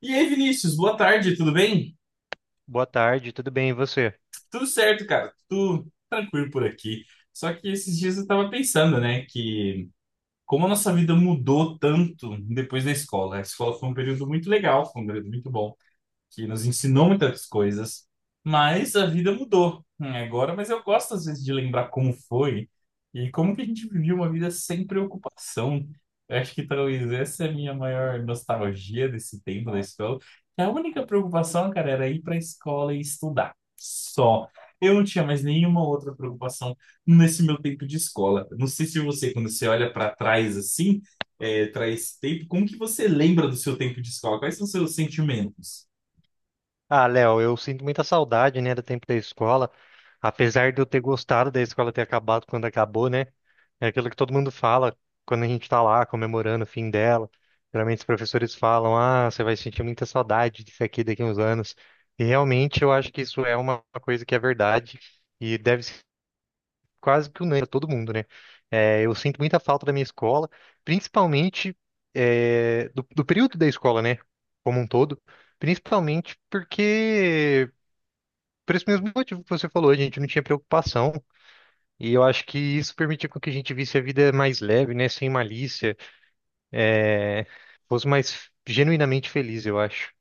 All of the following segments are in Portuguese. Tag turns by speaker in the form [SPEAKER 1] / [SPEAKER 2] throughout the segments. [SPEAKER 1] E aí, Vinícius, boa tarde, tudo bem?
[SPEAKER 2] Boa tarde, tudo bem, e você?
[SPEAKER 1] Tudo certo, cara, tudo tranquilo por aqui. Só que esses dias eu tava pensando, né, que como a nossa vida mudou tanto depois da escola. A escola foi um período muito legal, foi um período muito bom que nos ensinou muitas coisas, mas a vida mudou né, agora. Mas eu gosto, às vezes, de lembrar como foi e como que a gente vivia uma vida sem preocupação. Eu acho que talvez essa é a minha maior nostalgia desse tempo da escola. Que A única preocupação, cara, era ir para a escola e estudar. Só. Eu não tinha mais nenhuma outra preocupação nesse meu tempo de escola. Não sei se você, quando você olha para trás assim, traz tempo, como que você lembra do seu tempo de escola? Quais são os seus sentimentos?
[SPEAKER 2] Ah, Léo, eu sinto muita saudade, né, do tempo da escola. Apesar de eu ter gostado da escola ter acabado quando acabou, né? É aquilo que todo mundo fala quando a gente tá lá comemorando o fim dela. Geralmente os professores falam: "Ah, você vai sentir muita saudade disso aqui daqui a uns anos". E realmente eu acho que isso é uma coisa que é verdade e deve quase que unânime pra todo mundo, né? Eu sinto muita falta da minha escola, principalmente do período da escola, né? Como um todo, principalmente porque, por esse mesmo motivo que você falou, a gente não tinha preocupação. E eu acho que isso permitia com que a gente visse a vida mais leve, né? Sem malícia, fosse mais genuinamente feliz, eu acho.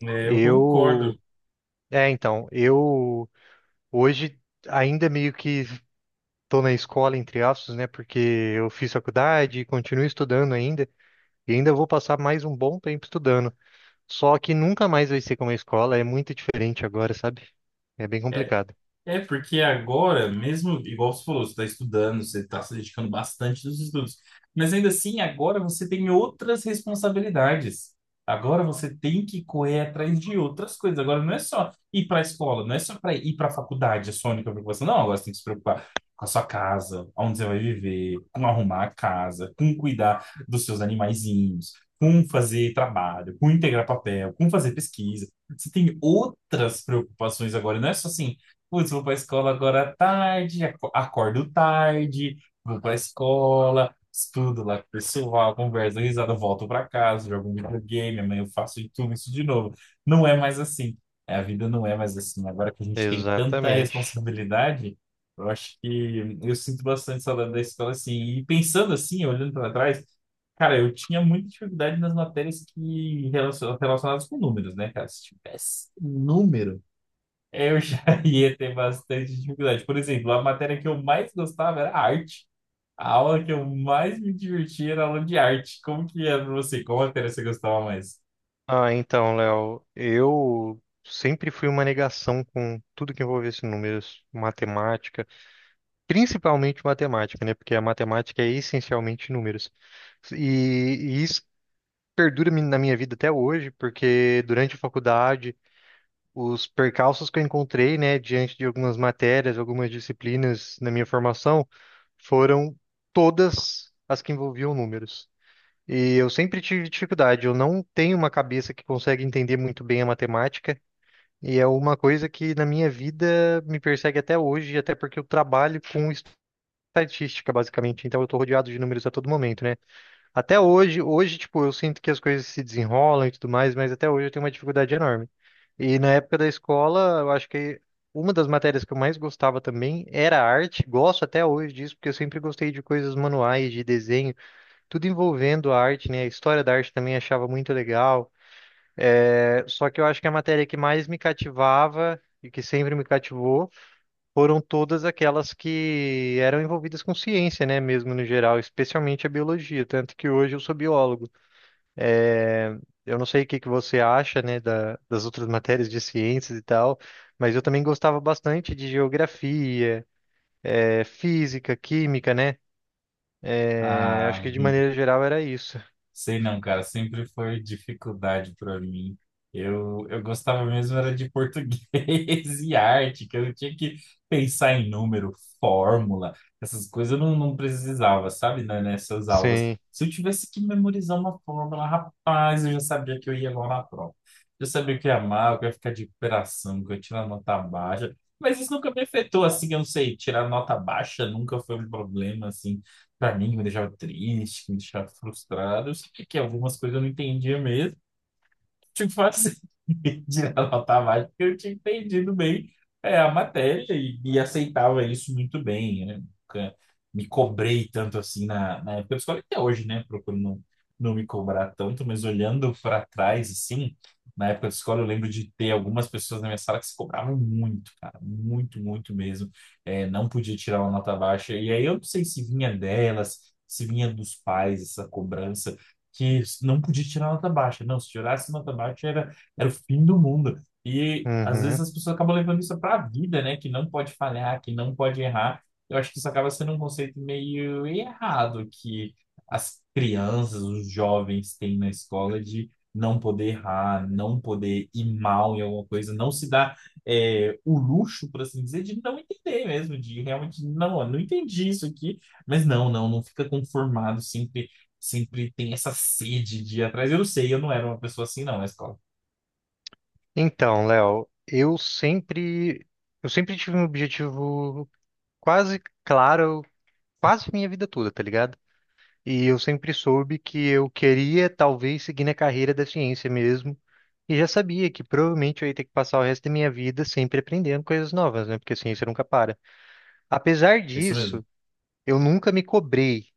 [SPEAKER 1] É, eu concordo.
[SPEAKER 2] Eu. Eu hoje ainda meio que. Estou na escola, entre aspas, né? Porque eu fiz faculdade e continuo estudando ainda. E ainda vou passar mais um bom tempo estudando. Só que nunca mais vai ser como a escola, é muito diferente agora, sabe? É bem
[SPEAKER 1] É,
[SPEAKER 2] complicado.
[SPEAKER 1] Porque agora, mesmo, igual você falou, você está estudando, você está se dedicando bastante nos estudos, mas ainda assim, agora você tem outras responsabilidades. Agora você tem que correr atrás de outras coisas. Agora não é só ir para a escola, não é só para ir para a faculdade, a sua única preocupação. Não, agora você tem que se preocupar com a sua casa, onde você vai viver, com arrumar a casa, com cuidar dos seus animaizinhos, com fazer trabalho, com integrar papel, com fazer pesquisa. Você tem outras preocupações agora, não é só assim. Putz, vou pra escola agora à tarde, acordo tarde, vou pra escola, estudo lá com o pessoal, converso, dou risada, volto pra casa, jogo um videogame, amanhã eu faço de tudo isso de novo. Não é mais assim. A vida não é mais assim. Agora que a gente tem tanta
[SPEAKER 2] Exatamente.
[SPEAKER 1] responsabilidade, eu acho que eu sinto bastante saudade da escola assim. E pensando assim, olhando para trás, cara, eu tinha muita dificuldade nas matérias relacionadas com números, né, cara? Se tivesse um número eu já ia ter bastante dificuldade. Por exemplo, a matéria que eu mais gostava era arte. A aula que eu mais me divertia era a aula de arte. Como que era pra você? Qual matéria você gostava mais?
[SPEAKER 2] Ah, então, Léo, eu sempre fui uma negação com tudo que envolvesse números, matemática, principalmente matemática, né? Porque a matemática é essencialmente números. E isso perdura na minha vida até hoje, porque durante a faculdade os percalços que eu encontrei, né, diante de algumas matérias, algumas disciplinas na minha formação, foram todas as que envolviam números. E eu sempre tive dificuldade, eu não tenho uma cabeça que consegue entender muito bem a matemática, e é uma coisa que na minha vida me persegue até hoje, até porque eu trabalho com estatística, basicamente, então eu estou rodeado de números a todo momento, né? Até hoje, hoje, tipo, eu sinto que as coisas se desenrolam e tudo mais, mas até hoje eu tenho uma dificuldade enorme. E na época da escola, eu acho que uma das matérias que eu mais gostava também era arte. Gosto até hoje disso, porque eu sempre gostei de coisas manuais, de desenho, tudo envolvendo a arte, né? A história da arte também achava muito legal. Só que eu acho que a matéria que mais me cativava e que sempre me cativou foram todas aquelas que eram envolvidas com ciência, né? Mesmo no geral, especialmente a biologia. Tanto que hoje eu sou biólogo. É, eu não sei o que que você acha, né, das outras matérias de ciências e tal, mas eu também gostava bastante de geografia, física, química, né? É, acho
[SPEAKER 1] Ah,
[SPEAKER 2] que de maneira geral era isso.
[SPEAKER 1] sei não, cara, sempre foi dificuldade para mim. Eu gostava mesmo era de português e arte, que eu tinha que pensar em número, fórmula, essas coisas eu não precisava, sabe, né, nessas aulas.
[SPEAKER 2] Sim.
[SPEAKER 1] Se eu tivesse que memorizar uma fórmula, rapaz, eu já sabia que eu ia mal na prova. Eu sabia que eu ia mal, que eu ia ficar de recuperação, que eu ia tirar nota baixa. Mas isso nunca me afetou, assim, eu não sei, tirar nota baixa nunca foi um problema, assim pra mim, que me deixava triste, que me deixava frustrado. Eu sabia que algumas coisas eu não entendia mesmo. Tipo assim, tirar nota baixa porque eu tinha entendido bem a matéria e aceitava isso muito bem, né? Nunca me cobrei tanto assim na época da escola, até hoje, né? Procuro não me cobrar tanto, mas olhando para trás, assim, na época da escola, eu lembro de ter algumas pessoas na minha sala que se cobravam muito, cara, muito, muito mesmo. É, não podia tirar uma nota baixa, e aí eu não sei se vinha delas, se vinha dos pais essa cobrança que não podia tirar nota baixa. Não, se tirasse nota baixa era, era o fim do mundo. E às vezes
[SPEAKER 2] Uhum.
[SPEAKER 1] as pessoas acabam levando isso para a vida, né? Que não pode falhar, que não pode errar. Eu acho que isso acaba sendo um conceito meio errado que as crianças, os jovens têm na escola de não poder errar, não poder ir mal em alguma coisa, não se dar o luxo, por assim dizer, de não entender mesmo, de realmente, não, eu não entendi isso aqui, mas não fica conformado sempre, sempre tem essa sede de ir atrás. Eu não sei, eu não era uma pessoa assim, não, na escola.
[SPEAKER 2] Então, Léo, eu sempre tive um objetivo quase claro, quase minha vida toda, tá ligado? E eu sempre soube que eu queria talvez seguir na carreira da ciência mesmo. E já sabia que provavelmente eu ia ter que passar o resto da minha vida sempre aprendendo coisas novas, né? Porque a ciência nunca para. Apesar
[SPEAKER 1] É isso mesmo.
[SPEAKER 2] disso, eu nunca me cobrei,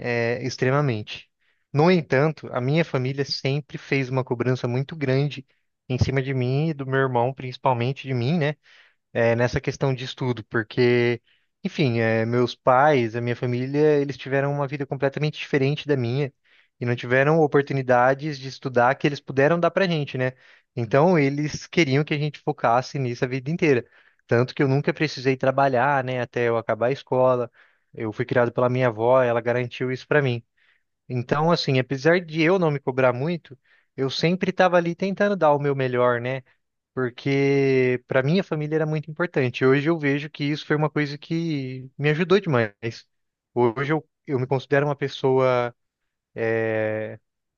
[SPEAKER 2] extremamente. No entanto, a minha família sempre fez uma cobrança muito grande em cima de mim e do meu irmão, principalmente de mim, né? É, nessa questão de estudo, porque, enfim, é, meus pais, a minha família, eles tiveram uma vida completamente diferente da minha e não tiveram oportunidades de estudar que eles puderam dar pra gente, né? Então, eles queriam que a gente focasse nisso a vida inteira. Tanto que eu nunca precisei trabalhar, né, até eu acabar a escola. Eu fui criado pela minha avó, ela garantiu isso pra mim. Então, assim, apesar de eu não me cobrar muito, eu sempre estava ali tentando dar o meu melhor, né? Porque para minha família era muito importante. Hoje eu vejo que isso foi uma coisa que me ajudou demais. Hoje eu me considero uma pessoa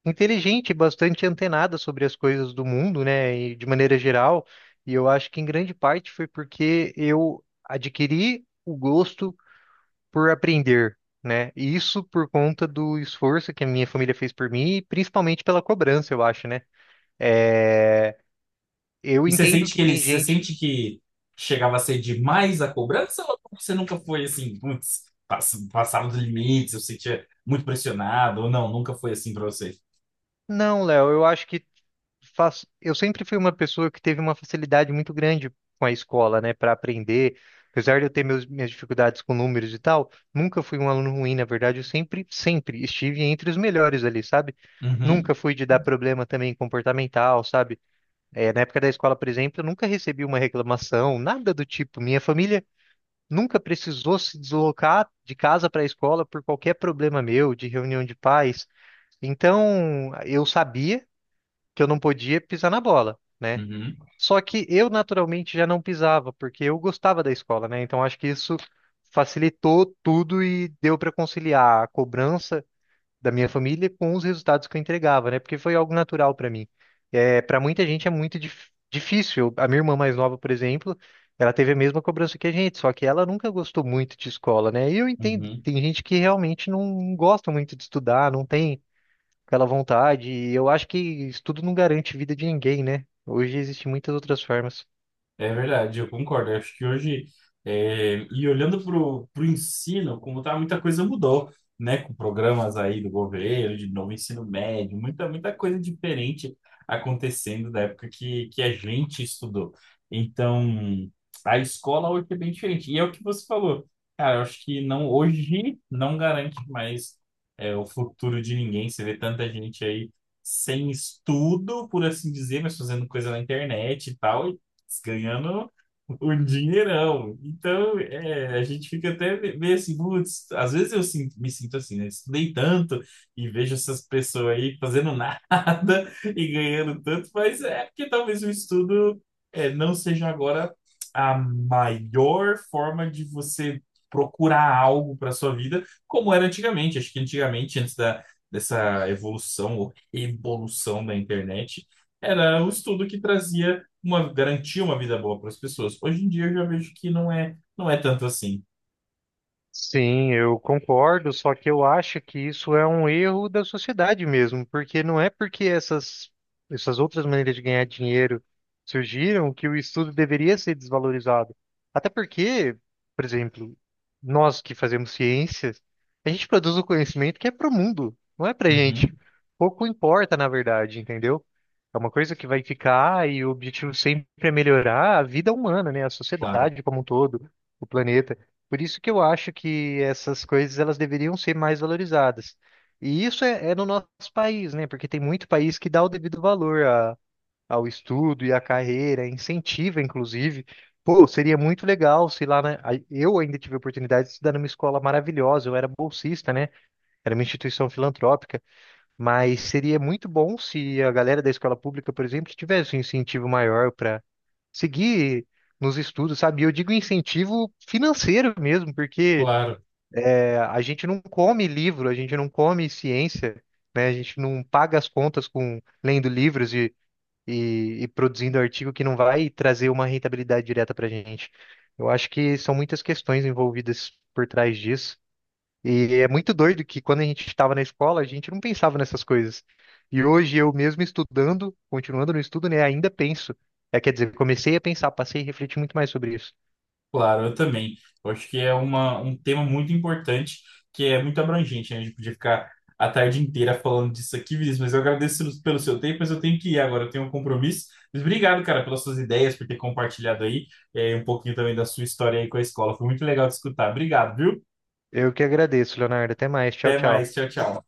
[SPEAKER 2] inteligente, bastante antenada sobre as coisas do mundo, né, e de maneira geral, e eu acho que em grande parte foi porque eu adquiri o gosto por aprender, né? E isso por conta do esforço que a minha família fez por mim e principalmente pela cobrança, eu acho, né? É, eu
[SPEAKER 1] E você
[SPEAKER 2] entendo
[SPEAKER 1] sente
[SPEAKER 2] que
[SPEAKER 1] que
[SPEAKER 2] tem
[SPEAKER 1] eles, você
[SPEAKER 2] gente
[SPEAKER 1] sente que chegava a ser demais a cobrança ou você nunca foi assim, putz, passava dos limites, eu sentia muito pressionado ou não, nunca foi assim pra você?
[SPEAKER 2] não, Léo, eu acho que eu sempre fui uma pessoa que teve uma facilidade muito grande com a escola, né, para aprender. Apesar de eu ter minhas dificuldades com números e tal, nunca fui um aluno ruim, na verdade, sempre estive entre os melhores ali, sabe?
[SPEAKER 1] Uhum,
[SPEAKER 2] Nunca fui de dar problema também comportamental, sabe? É, na época da escola, por exemplo, eu nunca recebi uma reclamação, nada do tipo. Minha família nunca precisou se deslocar de casa para a escola por qualquer problema meu, de reunião de pais. Então, eu sabia que eu não podia pisar na bola, né?
[SPEAKER 1] uhum,
[SPEAKER 2] Só que eu naturalmente já não pisava, porque eu gostava da escola, né? Então acho que isso facilitou tudo e deu para conciliar a cobrança da minha família com os resultados que eu entregava, né? Porque foi algo natural para mim. É, para muita gente é muito difícil. A minha irmã mais nova, por exemplo, ela teve a mesma cobrança que a gente, só que ela nunca gostou muito de escola, né? E eu entendo,
[SPEAKER 1] uhum.
[SPEAKER 2] tem gente que realmente não gosta muito de estudar, não tem aquela vontade. E eu acho que isso tudo não garante vida de ninguém, né? Hoje existem muitas outras formas.
[SPEAKER 1] É verdade, eu concordo. Eu acho que hoje, e olhando para o ensino, como tá, muita coisa mudou, né? Com programas aí do governo, de novo ensino médio, muita coisa diferente acontecendo da época que a gente estudou. Então, a escola hoje é bem diferente. E é o que você falou. Cara, eu acho que não, hoje não garante mais, o futuro de ninguém. Você vê tanta gente aí sem estudo, por assim dizer, mas fazendo coisa na internet e tal, ganhando um dinheirão. Então, é, a gente fica até meio assim, putz, às vezes me sinto assim, né? Estudei tanto e vejo essas pessoas aí fazendo nada e ganhando tanto, mas é porque talvez o estudo não seja agora a maior forma de você procurar algo para sua vida, como era antigamente. Acho que antigamente, dessa evolução ou revolução da internet, era o estudo que trazia uma garantir uma vida boa para as pessoas. Hoje em dia eu já vejo que não é tanto assim.
[SPEAKER 2] Sim, eu concordo, só que eu acho que isso é um erro da sociedade mesmo, porque não é porque essas outras maneiras de ganhar dinheiro surgiram que o estudo deveria ser desvalorizado. Até porque, por exemplo, nós que fazemos ciências, a gente produz o conhecimento que é para o mundo, não é para gente.
[SPEAKER 1] Uhum,
[SPEAKER 2] Pouco importa, na verdade, entendeu? É uma coisa que vai ficar e o objetivo sempre é melhorar a vida humana, né? A
[SPEAKER 1] claro,
[SPEAKER 2] sociedade como um todo, o planeta. Por isso que eu acho que essas coisas elas deveriam ser mais valorizadas. E isso é no nosso país, né? Porque tem muito país que dá o devido valor ao estudo e à carreira, incentiva, inclusive. Pô, seria muito legal se lá, né? Eu ainda tive a oportunidade de estudar numa escola maravilhosa, eu era bolsista, né? Era uma instituição filantrópica, mas seria muito bom se a galera da escola pública, por exemplo, tivesse um incentivo maior para seguir nos estudos, sabe? E eu digo incentivo financeiro mesmo, porque
[SPEAKER 1] claro,
[SPEAKER 2] a gente não come livro, a gente não come ciência, né? A gente não paga as contas com lendo livros e produzindo artigo que não vai trazer uma rentabilidade direta para a gente. Eu acho que são muitas questões envolvidas por trás disso. E é muito doido que quando a gente estava na escola, a gente não pensava nessas coisas. E hoje eu mesmo estudando, continuando no estudo, né, ainda penso. É, quer dizer, comecei a pensar, passei a refletir muito mais sobre isso.
[SPEAKER 1] claro, eu também. Eu acho que é um tema muito importante, que é muito abrangente, né? A gente podia ficar a tarde inteira falando disso aqui, Vinícius, mas eu agradeço pelo seu tempo, mas eu tenho que ir agora, eu tenho um compromisso. Mas obrigado, cara, pelas suas ideias, por ter compartilhado aí, um pouquinho também da sua história aí com a escola. Foi muito legal de escutar. Obrigado, viu?
[SPEAKER 2] Eu que agradeço, Leonardo. Até mais. Tchau,
[SPEAKER 1] Até
[SPEAKER 2] tchau.
[SPEAKER 1] mais, tchau, tchau.